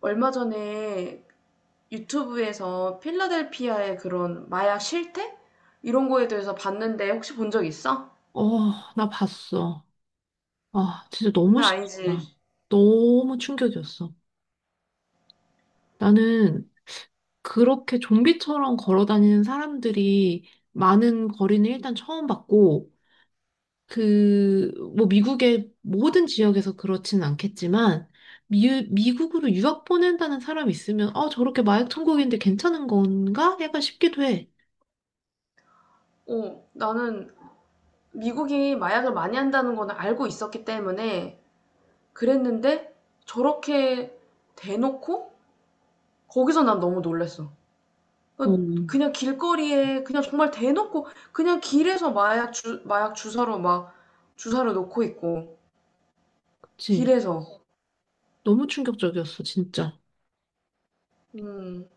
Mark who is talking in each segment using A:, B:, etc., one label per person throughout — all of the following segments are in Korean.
A: 얼마 전에 유튜브에서 필라델피아의 그런 마약 실태? 이런 거에 대해서 봤는데 혹시 본 적 있어?
B: 어, 나 봤어. 아, 진짜 너무
A: 장난
B: 싫더라.
A: 아니지.
B: 너무 충격이었어. 나는 그렇게 좀비처럼 걸어 다니는 사람들이 많은 거리는 일단 처음 봤고, 그, 뭐 미국의 모든 지역에서 그렇지는 않겠지만, 미국으로 유학 보낸다는 사람이 있으면, 아, 저렇게 마약 천국인데 괜찮은 건가? 약간 싶기도 해.
A: 어, 나는 미국이 마약을 많이 한다는 거는 알고 있었기 때문에 그랬는데 저렇게 대놓고 거기서 난 너무 놀랬어.
B: 어,
A: 그러니까 그냥 길거리에 그냥 정말 대놓고 그냥 길에서 마약 주, 마약 주사로 막 주사를 놓고 있고
B: 그치.
A: 길에서.
B: 너무 충격적이었어, 진짜.
A: 음.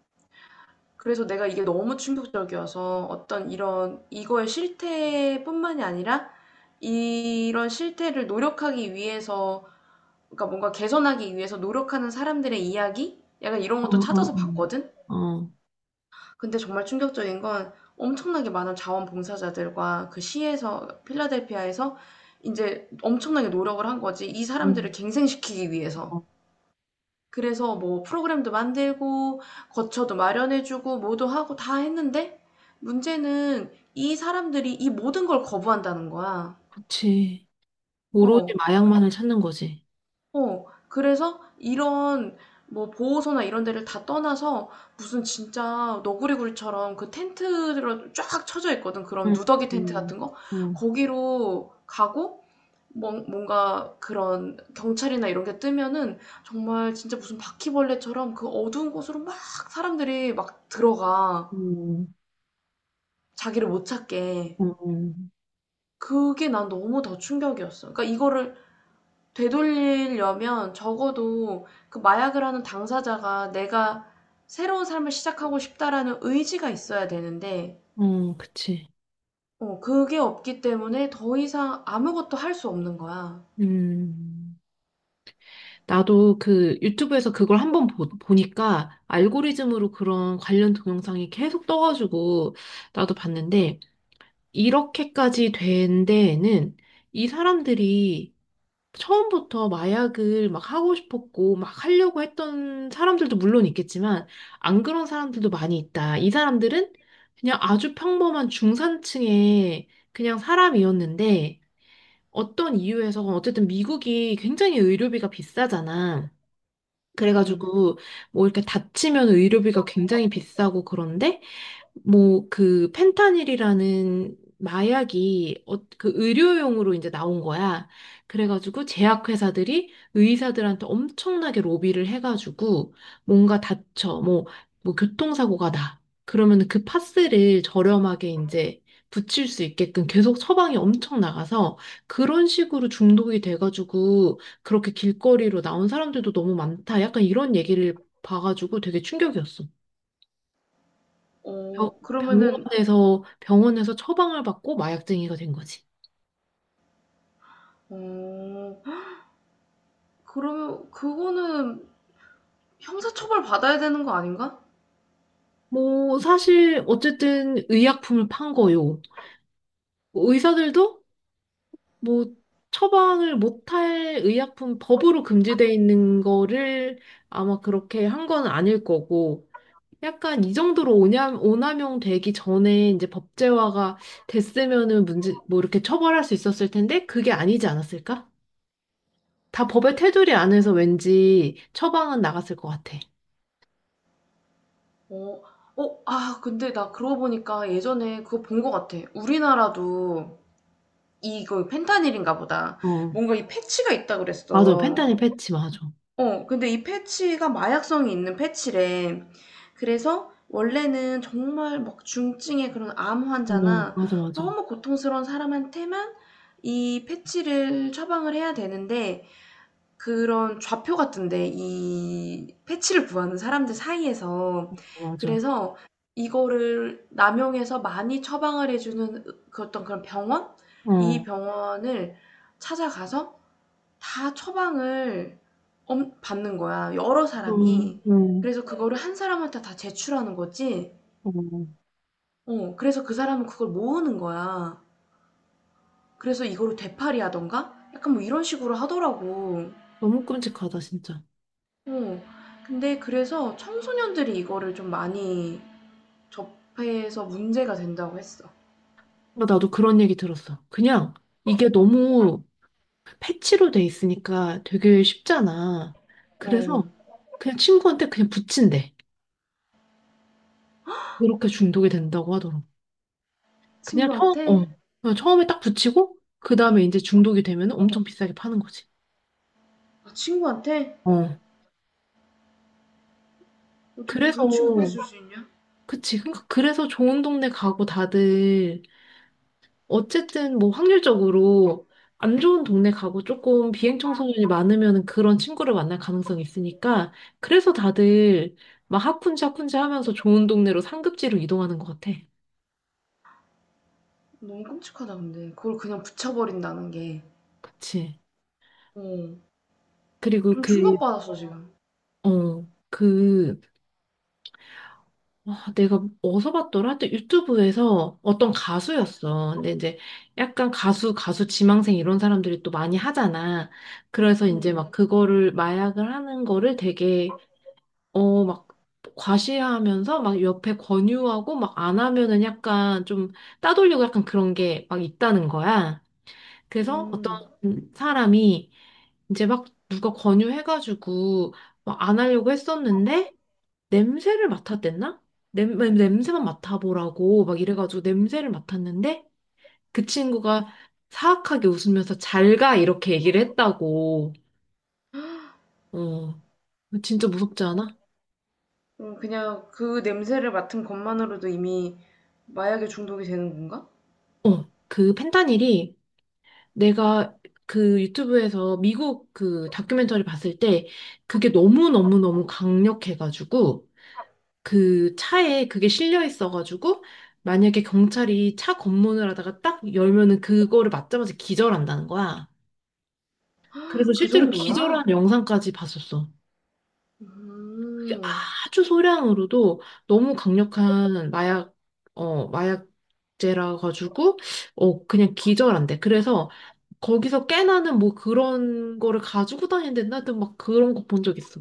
A: 그래서 내가 이게 너무 충격적이어서 어떤 이런 이거의 실태뿐만이 아니라 이런 실태를 노력하기 위해서 그러니까 뭔가 개선하기 위해서 노력하는 사람들의 이야기? 약간 이런
B: 어,
A: 것도 찾아서 봤거든?
B: 어, 어. 어.
A: 근데 정말 충격적인 건 엄청나게 많은 자원봉사자들과 그 시에서, 필라델피아에서 이제 엄청나게 노력을 한 거지. 이 사람들을
B: 음.
A: 갱생시키기 위해서.
B: 어.
A: 그래서 뭐 프로그램도 만들고 거처도 마련해 주고 뭐도 하고 다 했는데 문제는 이 사람들이 이 모든 걸 거부한다는 거야.
B: 그치. 오로지
A: 어,
B: 마약만을 찾는 거지.
A: 어. 그래서 이런 뭐 보호소나 이런 데를 다 떠나서 무슨 진짜 너구리굴처럼 그 텐트로 쫙 쳐져 있거든. 그런
B: 응.
A: 누더기 텐트
B: 응.
A: 같은 거.
B: 응.
A: 거기로 가고 뭔 뭔가 그런 경찰이나 이런 게 뜨면은 정말 진짜 무슨 바퀴벌레처럼 그 어두운 곳으로 막 사람들이 막 들어가.
B: 응.
A: 자기를 못 찾게.
B: 응.
A: 그게 난 너무 더 충격이었어. 그러니까 이거를 되돌리려면 적어도 그 마약을 하는 당사자가 내가 새로운 삶을 시작하고 싶다라는 의지가 있어야 되는데,
B: 응. 그치.
A: 어, 그게 없기 때문에 더 이상 아무것도 할 수 없는 거야.
B: 음. 나도 그 유튜브에서 그걸 한번 보니까 알고리즘으로 그런 관련 동영상이 계속 떠가지고 나도 봤는데 이렇게까지 된 데에는 이 사람들이 처음부터 마약을 막 하고 싶었고 막 하려고 했던 사람들도 물론 있겠지만 안 그런 사람들도 많이 있다. 이 사람들은 그냥 아주 평범한 중산층의 그냥 사람이었는데 어떤 이유에서 어쨌든 미국이 굉장히 의료비가 비싸잖아.
A: 음,
B: 그래가지고 뭐 이렇게 다치면 의료비가 굉장히 비싸고 그런데 뭐 그 펜타닐이라는 마약이 어, 그 의료용으로 이제 나온 거야. 그래가지고 제약회사들이 의사들한테 엄청나게 로비를 해가지고 뭔가 다쳐 뭐 뭐 교통사고가 나. 그러면 그 파스를 저렴하게 이제 붙일 수 있게끔 계속 처방이 엄청 나가서 그런 식으로 중독이 돼가지고 그렇게 길거리로 나온 사람들도 너무 많다. 약간 이런 얘기를 봐가지고 되게 충격이었어. 병-
A: 어, 그러면은,
B: 병원에서 처방을 받고 마약쟁이가 된 거지.
A: 어, 그러면 그거는 형사처벌 받아야 되는 거 아닌가?
B: 뭐 사실 어쨌든 의약품을 판 거요. 의사들도 뭐 처방을 못할 의약품 법으로 금지돼 있는 거를 아마 그렇게 한 건 아닐 거고. 약간 이 정도로 오남용 되기 전에 이제 법제화가 됐으면은 문제, 뭐 이렇게 처벌할 수 있었을 텐데 그게 아니지 않았을까? 다 법의 테두리 안에서 왠지 처방은 나갔을 것 같아.
A: 어, 어, 아, 근데 나 그러고 보니까 예전에 그거 본 거 같아. 우리나라도 이거 펜타닐인가 보다.
B: 어.
A: 뭔가 이 패치가 있다
B: 맞아.
A: 그랬어.
B: 펜타닐 패치, 맞아.
A: 어, 근데 이 패치가 마약성이 있는 패치래. 그래서 원래는 정말 막 중증의 그런 암
B: 어,
A: 환자나
B: 맞아, 맞아.
A: 너무 고통스러운 사람한테만 이 패치를 처방을 해야 되는데 그런 좌표 같은데 이 패치를 구하는 사람들 사이에서.
B: 맞아.
A: 그래서 이거를 남용해서 많이 처방을 해 주는 그 어떤 그런 병원?
B: 어,
A: 이
B: 어,
A: 병원을 찾아가서 다 처방을 엄 받는 거야 여러 사람이.
B: 어,
A: 그래서 그거를 한 사람한테 다 제출하는 거지.
B: 어.
A: 어, 그래서 그 사람은 그걸 모으는 거야. 그래서 이거를 되팔이 하던가 약간 뭐 이런 식으로 하더라고.
B: 너무 끔찍하다, 진짜.
A: 어. 근데 그래서 청소년들이 이거를 좀 많이 접해서 문제가 된다고 했어.
B: 그러니까 나도 그런 얘기 들었어. 그냥 이게 너무 패치로 돼 있으니까 되게 쉽잖아.
A: 어.
B: 그래서 그냥 친구한테 그냥 붙인대. 이렇게 중독이 된다고 하더라고. 그냥 처음,
A: 친구한테?
B: 어. 그냥 처음에 딱 붙이고, 그 다음에 이제 중독이 되면 엄청 비싸게 파는 거지.
A: 아, 친구한테?
B: 어.
A: 어떻게
B: 그래서,
A: 그런 친구가 있을 수 있냐?
B: 그치. 그러니까 그래서 좋은 동네 가고 다들 어쨌든 뭐 확률적으로 안 좋은 동네 가고 조금 비행 청소년이 많으면 그런 친구를 만날 가능성이 있으니까 그래서 다들 막 하쿤지 하쿤지 하면서 좋은 동네로 상급지로 이동하는 것 같아.
A: 너무 끔찍하다, 근데. 그걸 그냥 붙여버린다는 게.
B: 그치.
A: 어.
B: 그리고
A: 좀
B: 그,
A: 충격받았어, 지금.
B: 어, 그, 아, 내가 어디서 봤더라? 하여튼 유튜브에서 어떤 가수였어. 근데 이제 약간 가수, 가수 지망생 이런 사람들이 또 많이 하잖아. 그래서 이제 막
A: 음.
B: 그거를 마약을 하는 거를 되게 어, 막 과시하면서 막 옆에 권유하고 막 안 하면은 약간 좀 따돌리고 약간 그런 게 막 있다는 거야. 그래서
A: 음.
B: 어떤 사람이 이제 막 누가 권유해가지고 막 안 하려고 했었는데 냄새를 맡았댔나? 냄새만 맡아보라고 막 이래가지고 냄새를 맡았는데 그 친구가 사악하게 웃으면서 잘가 이렇게 얘기를 했다고. 어, 진짜 무섭지 않아?
A: 어, 그냥 그 냄새를 맡은 것만으로도 이미 마약에 중독이 되는 건가?
B: 어, 그 펜타닐이 내가 그 유튜브에서 미국 그 다큐멘터리 봤을 때 그게 너무너무너무 강력해가지고 그 차에 그게 실려 있어가지고 만약에 경찰이 차 검문을 하다가 딱 열면은 그거를 맞자마자 기절한다는 거야. 그래서
A: 그
B: 실제로 기절한
A: 정도야?
B: 영상까지 봤었어. 그게
A: 음.
B: 아주 소량으로도 너무 강력한 마약, 어, 마약제라 가지고, 어, 그냥 기절한대. 그래서 거기서 깨나는 뭐 그런 거를 가지고 다니는데 나도 막 그런 거 본 적 있어.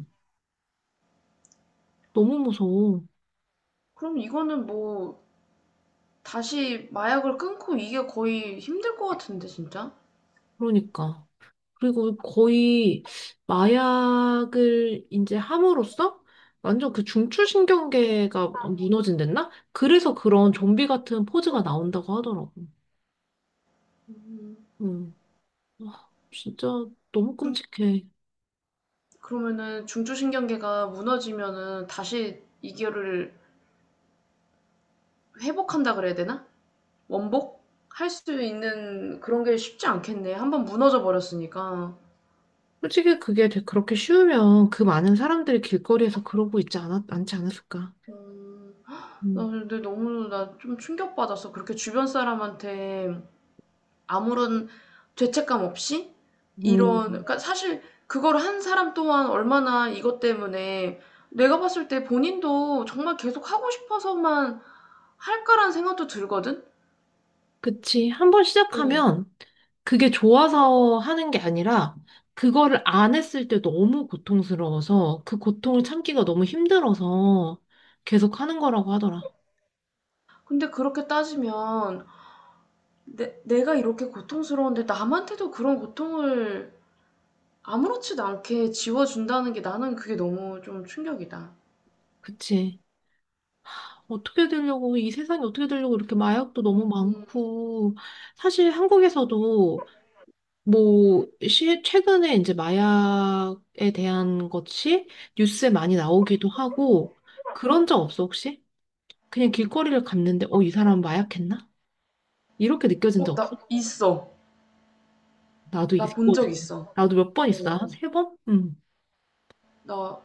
B: 너무 무서워.
A: 그럼 이거는 뭐 다시 마약을 끊고 이게 거의 힘들 것 같은데 진짜?
B: 그러니까. 그리고 거의 마약을 이제 함으로써 완전 그 중추신경계가 무너진댔나? 그래서 그런 좀비 같은 포즈가 나온다고 하더라고. 음. 와, 진짜 너무 끔찍해.
A: 그러면은 중추신경계가 무너지면은 다시 이거를 회복한다 그래야 되나? 원복? 할 수 있는 그런 게 쉽지 않겠네. 한번 무너져 버렸으니까.
B: 솔직히 그게 그렇게 쉬우면 그 많은 사람들이 길거리에서 그러고 있지 않지 않았을까?
A: 음, 나
B: 음.
A: 근데 너무 나 좀 충격받았어. 그렇게 주변 사람한테 아무런 죄책감 없이 이런
B: 음.
A: 그러니까 사실 그걸 한 사람 또한 얼마나 이것 때문에 내가 봤을 때 본인도 정말 계속 하고 싶어서만 할까라는 생각도 들거든?
B: 그치. 한번
A: 어.
B: 시작하면 그게 좋아서 하는 게 아니라 그거를 안 했을 때 너무 고통스러워서 그 고통을 참기가 너무 힘들어서 계속 하는 거라고 하더라.
A: 근데 그렇게 따지면 내 내가 이렇게 고통스러운데 남한테도 그런 고통을 아무렇지도 않게 지워준다는 게 나는 그게 너무 좀 충격이다.
B: 그치. 어떻게 되려고, 이 세상이 어떻게 되려고 이렇게 마약도 너무 많고, 사실 한국에서도 뭐, 시, 최근에 이제 마약에 대한 것이 뉴스에 많이 나오기도 하고, 그런 적 없어, 혹시? 그냥 길거리를 갔는데, 어, 이 사람 마약했나? 이렇게 느껴진 적
A: 어,
B: 없어?
A: 나 있어.
B: 나도
A: 나
B: 이게
A: 본
B: 있거든.
A: 적 있어.
B: 나도 몇 번
A: 어.
B: 있어. 한 세 번? 응.
A: 나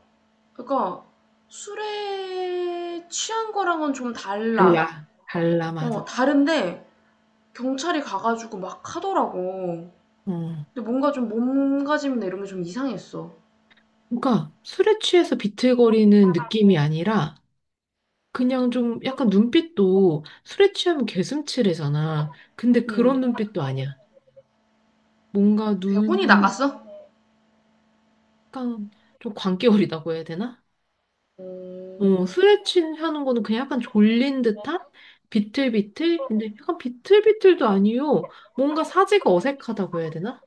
A: 그러니까 술에 취한 거랑은 좀 달라.
B: 달라. 달라, 맞아.
A: 어, 다른데 경찰이 가가지고 막 하더라고.
B: 어.
A: 근데 뭔가 좀 몸가짐이나 이런 게 좀 이상했어.
B: 그러니까 술에 취해서 비틀거리는 느낌이 아니라 그냥 좀 약간 눈빛도 술에 취하면 개슴츠레잖아. 근데
A: 응.
B: 그런 눈빛도 아니야. 뭔가
A: 그냥
B: 눈은
A: 혼이 나갔어?
B: 약간 좀 광기어리다고 해야 되나? 어, 술에 취하는 거는 그냥 약간 졸린 듯한? 비틀비틀? 근데 약간 비틀비틀도 아니요. 뭔가 사지가 어색하다고 해야 되나?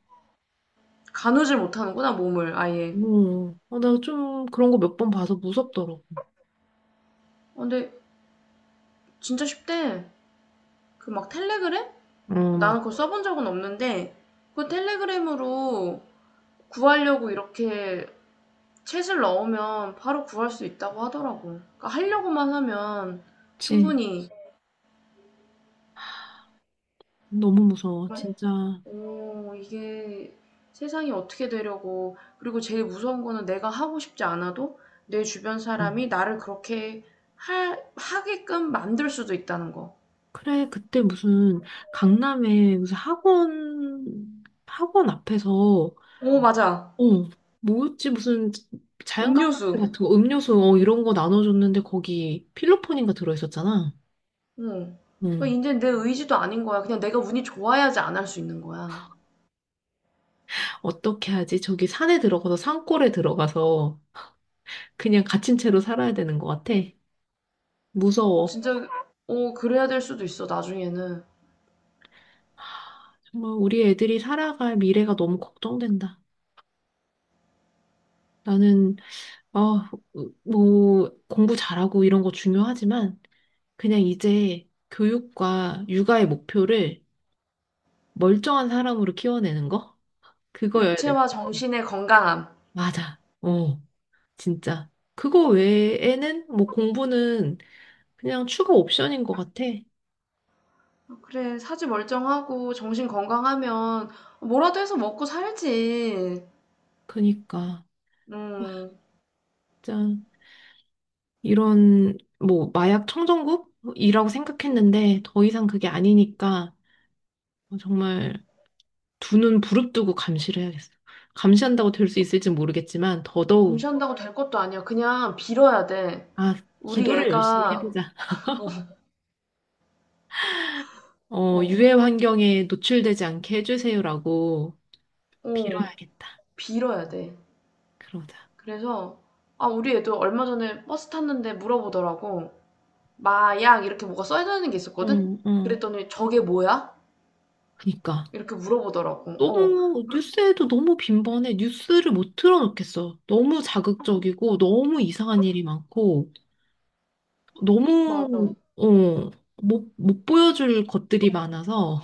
A: 가누질 못하는구나, 몸을 아예.
B: 어, 나 좀 그런 거 몇 번 봐서 무섭더라고.
A: 어, 근데 진짜 쉽대. 그 막 텔레그램?
B: 어,
A: 나는 그거 써본 적은 없는데 그 텔레그램으로 구하려고 이렇게 챗을 넣으면 바로 구할 수 있다고 하더라고. 그러니까 하려고만 하면
B: 맞지.
A: 충분히.
B: 너무 무서워, 진짜. 어.
A: 오.. 이게 세상이 어떻게 되려고, 그리고 제일 무서운 거는 내가 하고 싶지 않아도 내 주변 사람이 나를 그렇게 하게끔 만들 수도 있다는 거.
B: 그래, 그때 무슨 강남에 무슨 학원, 학원 앞에서,
A: 오, 맞아.
B: 어, 뭐였지? 무슨 자연강사제
A: 음료수.
B: 같은 거, 음료수, 어, 이런 거 나눠줬는데 거기 필로폰인가 들어있었잖아.
A: 응.
B: 응.
A: 그러니까 이제 내 의지도 아닌 거야. 그냥 내가 운이 좋아야지 안 할 수 있는 거야.
B: 어떻게 하지? 저기 산에 들어가서, 산골에 들어가서 그냥 갇힌 채로 살아야 되는 것 같아.
A: 어,
B: 무서워.
A: 진짜, 어, 그래야 될 수도 있어, 나중에는.
B: 정말 우리 애들이 살아갈 미래가 너무 걱정된다. 나는, 아, 뭐, 공부 잘하고 이런 거 중요하지만, 그냥 이제 교육과 육아의 목표를 멀쩡한 사람으로 키워내는 거? 그거여야 될 것
A: 육체와
B: 같아.
A: 정신의 건강함.
B: 맞아. 어, 진짜. 그거 외에는 뭐 공부는 그냥 추가 옵션인 것 같아.
A: 어, 그래, 사지 멀쩡하고 정신 건강하면 뭐라도 해서 먹고 살지.
B: 그니까,
A: 음.
B: 짠. 이런, 뭐, 마약 청정국이라고 생각했는데, 더 이상 그게 아니니까, 정말 두 눈 부릅뜨고 감시를 해야겠어. 감시한다고 될 수 있을지 모르겠지만 더더욱
A: 감시한다고 될 것도 아니야. 그냥 빌어야 돼.
B: 아,
A: 우리
B: 기도를 열심히
A: 애가,
B: 해보자. 어,
A: 어,
B: 유해 환경에 노출되지 않게 해주세요라고
A: 어,
B: 빌어야겠다.
A: 빌어야 돼.
B: 그러자.
A: 그래서, 아, 우리 애도 얼마 전에 버스 탔는데 물어보더라고. 마약, 이렇게 뭐가 써있는 게 있었거든?
B: 응, 응.
A: 그랬더니 저게 뭐야?
B: 그니까.
A: 이렇게 물어보더라고. 어,
B: 너무 뉴스에도 너무 빈번해. 뉴스를 못 틀어놓겠어. 너무 자극적이고 너무 이상한 일이 많고 너무
A: 맞아.
B: 어, 못 보여줄 것들이 많아서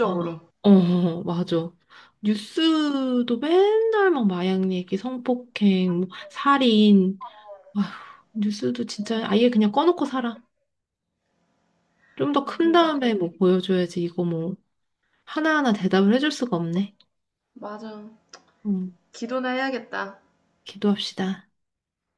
B: 아, 어, 맞아. 뉴스도 맨날 막 마약 얘기, 성폭행, 뭐 살인. 아휴, 뉴스도 진짜 아예 그냥 꺼놓고 살아. 좀 더
A: 아,
B: 큰
A: 그러니까
B: 다음에
A: 그냥,
B: 뭐 보여줘야지. 이거 뭐 하나하나 대답을 해줄 수가 없네.
A: 맞아.
B: 음,
A: 기도나 해야겠다.
B: 기도합시다.